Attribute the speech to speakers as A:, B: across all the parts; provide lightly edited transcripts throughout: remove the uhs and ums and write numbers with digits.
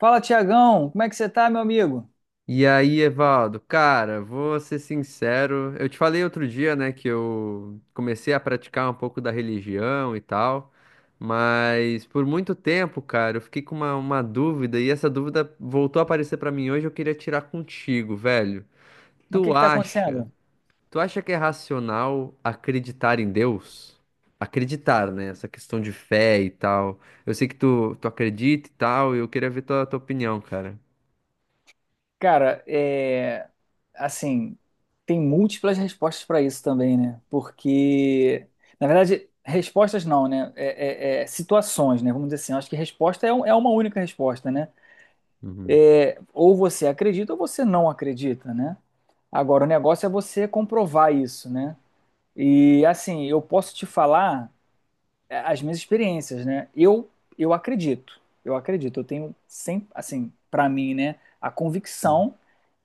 A: Fala, Tiagão, como é que você tá, meu amigo?
B: E aí, Evaldo, cara, vou ser sincero. Eu te falei outro dia, né, que eu comecei a praticar um pouco da religião e tal, mas por muito tempo, cara, eu fiquei com uma dúvida e essa dúvida voltou a aparecer pra mim hoje. Eu queria tirar contigo, velho.
A: Mas o
B: Tu
A: que que tá
B: acha,
A: acontecendo?
B: tu acha que é racional acreditar em Deus? Acreditar, né? Essa questão de fé e tal. Eu sei que tu acredita e tal, e eu queria ver tua opinião, cara.
A: Cara, assim, tem múltiplas respostas para isso também, né? Porque, na verdade, respostas não, né? É situações, né? Vamos dizer assim, eu acho que resposta é uma única resposta, né?
B: Uhum,
A: É, ou você acredita ou você não acredita, né? Agora, o negócio é você comprovar isso, né? E, assim, eu posso te falar. É, as minhas experiências, né? Eu acredito, eu acredito, eu tenho sempre, assim, para mim, né, a
B: uhum,
A: convicção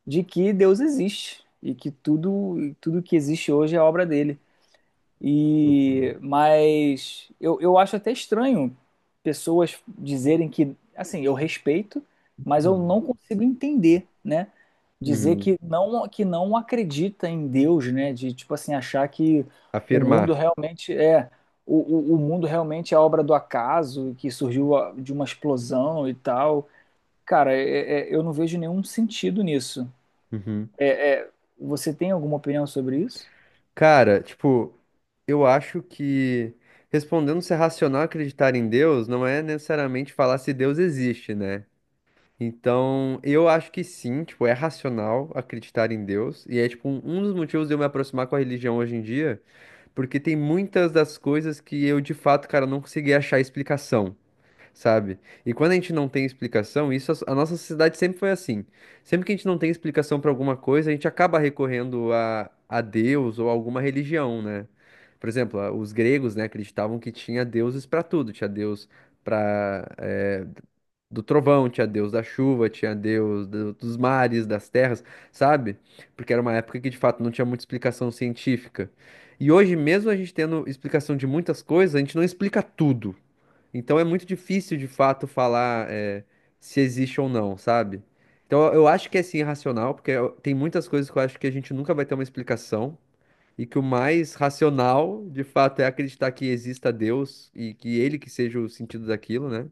A: de que Deus existe e que tudo, tudo que existe hoje é obra dele. E mas eu acho até estranho pessoas dizerem que, assim, eu respeito, mas eu
B: uhum.
A: não consigo entender, né? Dizer
B: Uhum.
A: que não acredita em Deus, né? De tipo assim achar que o mundo
B: Afirmar.
A: realmente é o, o mundo realmente é obra do acaso, que surgiu de uma explosão e tal. Cara, eu não vejo nenhum sentido nisso.
B: Uhum.
A: É- é, você tem alguma opinião sobre isso?
B: Cara, tipo, eu acho que respondendo se é racional acreditar em Deus não é necessariamente falar se Deus existe, né? Então, eu acho que sim, tipo, é racional acreditar em Deus. E é, tipo, um dos motivos de eu me aproximar com a religião hoje em dia, porque tem muitas das coisas que eu, de fato, cara, não consegui achar explicação. Sabe? E quando a gente não tem explicação, isso a nossa sociedade sempre foi assim. Sempre que a gente não tem explicação para alguma coisa, a gente acaba recorrendo a Deus ou alguma religião, né? Por exemplo, os gregos, né, acreditavam que tinha deuses para tudo, tinha Deus para do trovão, tinha Deus da chuva, tinha Deus dos mares, das terras, sabe? Porque era uma época que de fato não tinha muita explicação científica. E hoje, mesmo a gente tendo explicação de muitas coisas, a gente não explica tudo. Então é muito difícil de fato falar é, se existe ou não, sabe? Então eu acho que é sim racional, porque tem muitas coisas que eu acho que a gente nunca vai ter uma explicação, e que o mais racional, de fato, é acreditar que exista Deus e que ele que seja o sentido daquilo, né?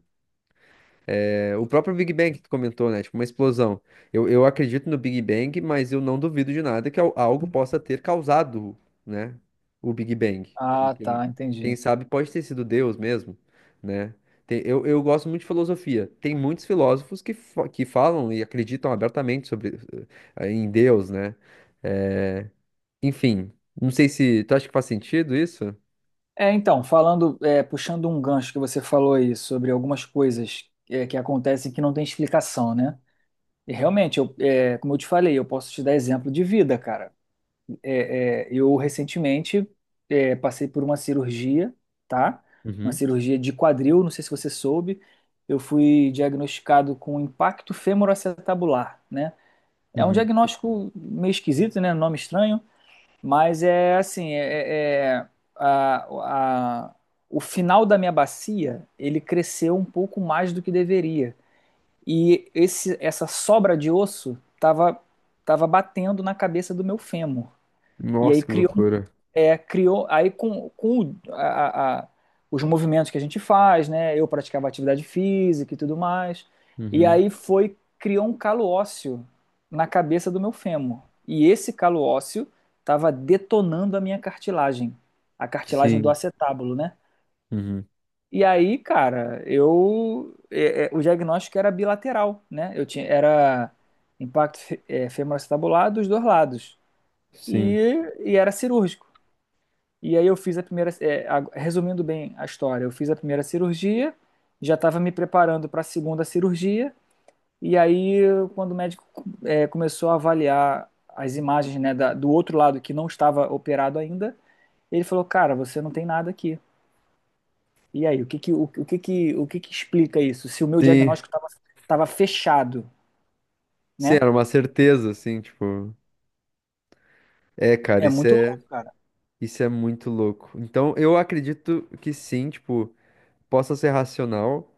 B: É, o próprio Big Bang que tu comentou, né? Tipo, uma explosão. Eu acredito no Big Bang, mas eu não duvido de nada que algo possa ter causado, né? O Big Bang. E
A: Ah,
B: quem,
A: tá, entendi.
B: quem sabe pode ter sido Deus mesmo, né? Eu, gosto muito de filosofia. Tem muitos filósofos que, que falam e acreditam abertamente sobre, em Deus, né? É, enfim, não sei se... Tu acha que faz sentido isso?
A: Falando, puxando um gancho que você falou aí sobre algumas coisas que acontecem que não tem explicação, né? E realmente, como eu te falei, eu posso te dar exemplo de vida, cara. Eu recentemente passei por uma cirurgia, tá? Uma
B: Uhum.
A: cirurgia de quadril, não sei se você soube. Eu fui diagnosticado com impacto femoroacetabular, né? É um
B: Uhum.
A: diagnóstico meio esquisito, né? Nome estranho, mas é assim, a, a- o final da minha bacia, ele cresceu um pouco mais do que deveria. E essa sobra de osso estava tava tava batendo na cabeça do meu fêmur. E aí
B: Nossa, que
A: criou,
B: loucura.
A: criou aí com os movimentos que a gente faz, né? Eu praticava atividade física e tudo mais. E
B: Uhum.
A: aí foi, criou um calo ósseo na cabeça do meu fêmur. E esse calo ósseo estava detonando a minha cartilagem, a cartilagem do
B: Sim.
A: acetábulo, né?
B: Uhum.
A: E aí, cara, o diagnóstico era bilateral, né? Eu tinha era impacto femoroacetabulado dos dois lados.
B: Sim.
A: E, e era cirúrgico. E aí eu fiz a primeira, resumindo bem a história, eu fiz a primeira cirurgia, já estava me preparando para a segunda cirurgia, e aí quando o médico começou a avaliar as imagens, né, do outro lado que não estava operado ainda, ele falou, cara, você não tem nada aqui. E aí, o que que explica isso? Se o meu
B: Sim.
A: diagnóstico estava fechado,
B: Sim,
A: né?
B: era uma certeza, assim, tipo. É, cara,
A: É
B: isso
A: muito
B: é,
A: louco, cara.
B: isso é muito louco. Então, eu acredito que sim, tipo, possa ser racional,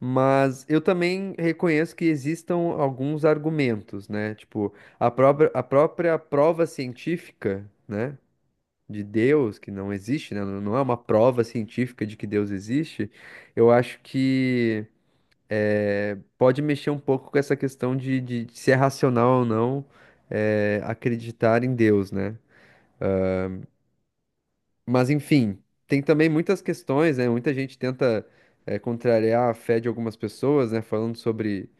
B: mas eu também reconheço que existam alguns argumentos, né? Tipo, a própria prova científica, né? De Deus, que não existe, né? Não é uma prova científica de que Deus existe. Eu acho que pode mexer um pouco com essa questão de, de se é racional ou não acreditar em Deus, né? Mas enfim, tem também muitas questões, né? Muita gente tenta contrariar a fé de algumas pessoas, né? Falando sobre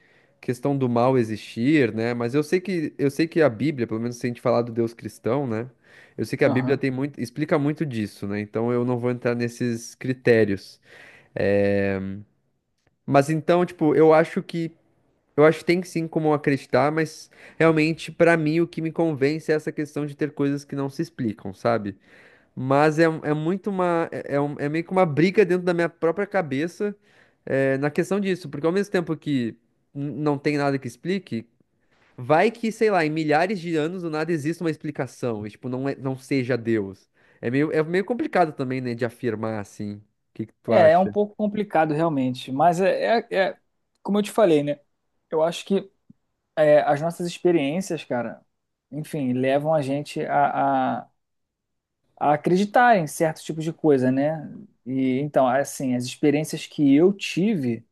B: questão do mal existir, né? Mas eu sei que a Bíblia, pelo menos se a gente falar do Deus cristão, né? Eu sei que a Bíblia
A: Aham.
B: tem muito, explica muito disso, né? Então eu não vou entrar nesses critérios. É, mas então, tipo, eu acho que tem sim como acreditar, mas realmente, pra mim, o que me convence é essa questão de ter coisas que não se explicam, sabe? Mas é, é muito uma. É, é meio que uma briga dentro da minha própria cabeça, é, na questão disso, porque ao mesmo tempo que não tem nada que explique, vai que, sei lá, em milhares de anos do nada existe uma explicação, e, tipo, não, não seja Deus. É meio complicado também, né, de afirmar assim. O que que tu
A: É, é um
B: acha?
A: pouco complicado realmente, mas é como eu te falei, né? Eu acho que as nossas experiências, cara, enfim, levam a gente a acreditar em certos tipos de coisa, né? E então, assim, as experiências que eu tive,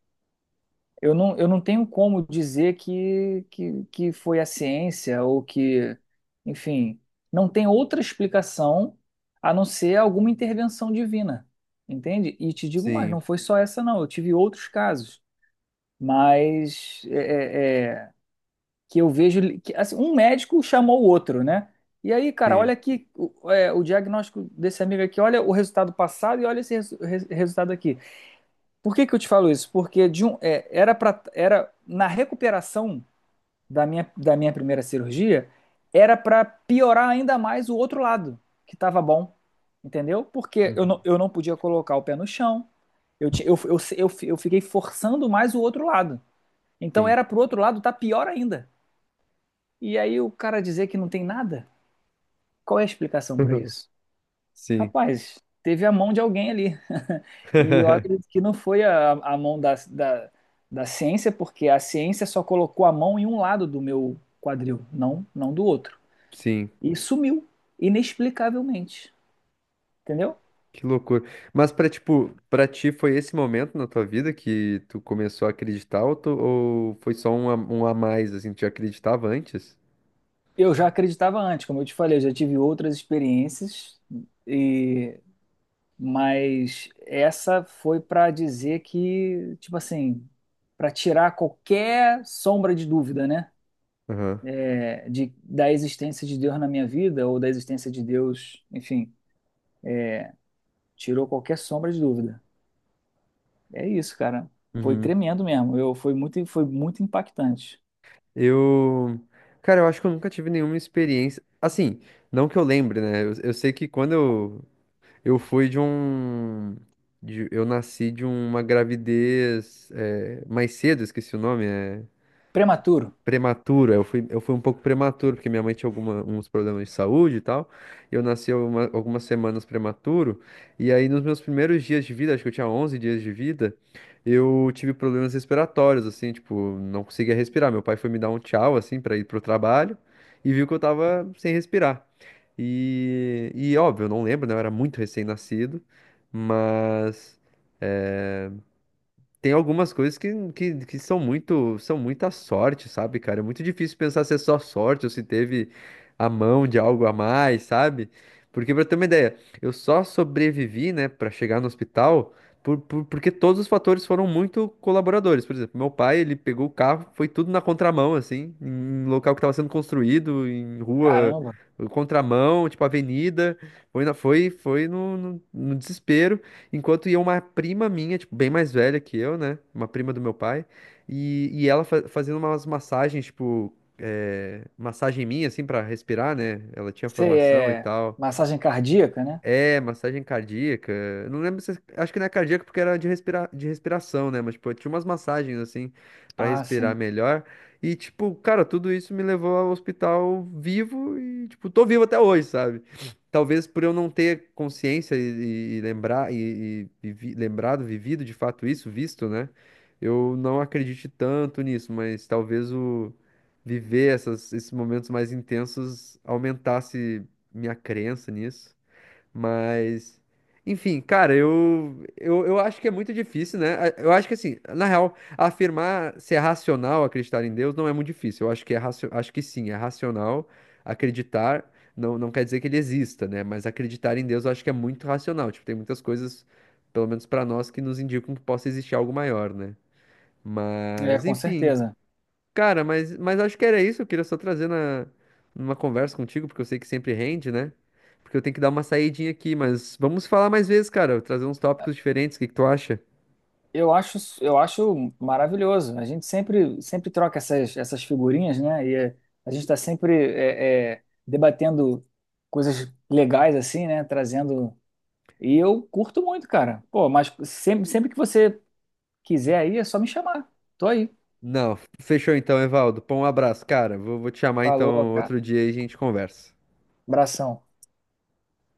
A: eu não tenho como dizer que foi a ciência ou que, enfim, não tem outra explicação a não ser alguma intervenção divina, entende? E te digo mais,
B: Sim,
A: não foi só essa, não. Eu tive outros casos, mas que eu vejo que assim, um médico chamou o outro, né? E aí, cara,
B: sim.
A: olha aqui o diagnóstico desse amigo aqui, olha o resultado passado e olha esse resultado aqui. Por que que eu te falo isso? Porque de um, é, era para era na recuperação da minha primeira cirurgia, era para piorar ainda mais o outro lado, que estava bom, entendeu? Porque
B: Uhum.
A: eu não podia colocar o pé no chão, eu, ti- eu fiquei forçando mais o outro lado. Então
B: Sim.
A: era pro outro lado tá pior ainda. E aí o cara dizer que não tem nada? Qual é a explicação para isso?
B: Sim.
A: Rapaz, teve a mão de alguém ali. E eu acredito que não foi a mão da ciência, porque a ciência só colocou a mão em um lado do meu quadril, não do outro.
B: Sim,
A: E sumiu, inexplicavelmente. Entendeu?
B: que loucura. Mas pra, tipo, pra ti foi esse momento na tua vida que tu começou a acreditar ou, ou foi só um a, um a mais, assim, tu já acreditava antes?
A: Eu já acreditava antes, como eu te falei, eu já tive outras experiências e mas essa foi para dizer que, tipo assim, para tirar qualquer sombra de dúvida, né?
B: Aham.
A: Da existência de Deus na minha vida ou da existência de Deus, enfim, tirou qualquer sombra de dúvida. É isso, cara. Foi
B: Uhum.
A: tremendo mesmo. Eu foi muito impactante.
B: Eu, cara, eu acho que eu nunca tive nenhuma experiência, assim, não que eu lembre, né? Eu sei que quando eu fui de um, eu nasci de uma gravidez, é, mais cedo, esqueci o nome, é...
A: Prematuro.
B: Prematuro. Eu fui um pouco prematuro, porque minha mãe tinha alguma, uns problemas de saúde e tal. E eu nasci algumas semanas prematuro. E aí, nos meus primeiros dias de vida, acho que eu tinha 11 dias de vida, eu tive problemas respiratórios, assim, tipo, não conseguia respirar. Meu pai foi me dar um tchau, assim, pra ir pro trabalho e viu que eu tava sem respirar. E óbvio, eu não lembro, né? Eu era muito recém-nascido, mas eh, tem algumas coisas que, que são muito, são muita sorte, sabe, cara? É muito difícil pensar se é só sorte ou se teve a mão de algo a mais, sabe? Porque, pra ter uma ideia, eu só sobrevivi, né, pra chegar no hospital por, porque todos os fatores foram muito colaboradores. Por exemplo, meu pai, ele pegou o carro, foi tudo na contramão, assim, em local que tava sendo construído, em rua,
A: Caramba.
B: contramão, tipo avenida. Foi no, no desespero. Enquanto ia uma prima minha, tipo, bem mais velha que eu, né? Uma prima do meu pai. E ela fazendo umas massagens, tipo, é, massagem minha, assim, pra respirar, né? Ela tinha
A: Você
B: formação e
A: é
B: tal.
A: massagem cardíaca, né?
B: É, massagem cardíaca. Eu não lembro se. Acho que não é cardíaca porque era de, respira... de respiração, né? Mas, tipo, tinha umas massagens, assim, pra
A: Ah,
B: respirar
A: sim.
B: melhor. E, tipo, cara, tudo isso me levou ao hospital vivo e, tipo, tô vivo até hoje, sabe? Talvez por eu não ter consciência e lembrar, e lembrado, vivido de fato isso, visto, né? Eu não acredite tanto nisso, mas talvez o viver esses momentos mais intensos aumentasse minha crença nisso. Mas, enfim, cara, eu acho que é muito difícil, né? Eu acho que, assim, na real, afirmar se é racional acreditar em Deus não é muito difícil. Eu acho que é racio... acho que sim, é racional acreditar. Não, não quer dizer que ele exista, né? Mas acreditar em Deus eu acho que é muito racional. Tipo, tem muitas coisas, pelo menos pra nós, que nos indicam que possa existir algo maior, né?
A: É,
B: Mas,
A: com
B: enfim.
A: certeza.
B: Cara, mas acho que era isso. Eu queria só trazer na, numa conversa contigo, porque eu sei que sempre rende, né? Porque eu tenho que dar uma saidinha aqui, mas vamos falar mais vezes, cara. Trazer uns tópicos diferentes. O que que tu acha?
A: Eu acho maravilhoso. A gente sempre, sempre troca essas figurinhas, né? E é, a gente está sempre debatendo coisas legais assim, né? Trazendo. E eu curto muito, cara. Pô, mas sempre que você quiser aí, é só me chamar. Tô aí.
B: Não, fechou então, Evaldo. Pô, um abraço, cara. Vou te chamar
A: Falou,
B: então
A: cara.
B: outro dia e a gente conversa.
A: Abração.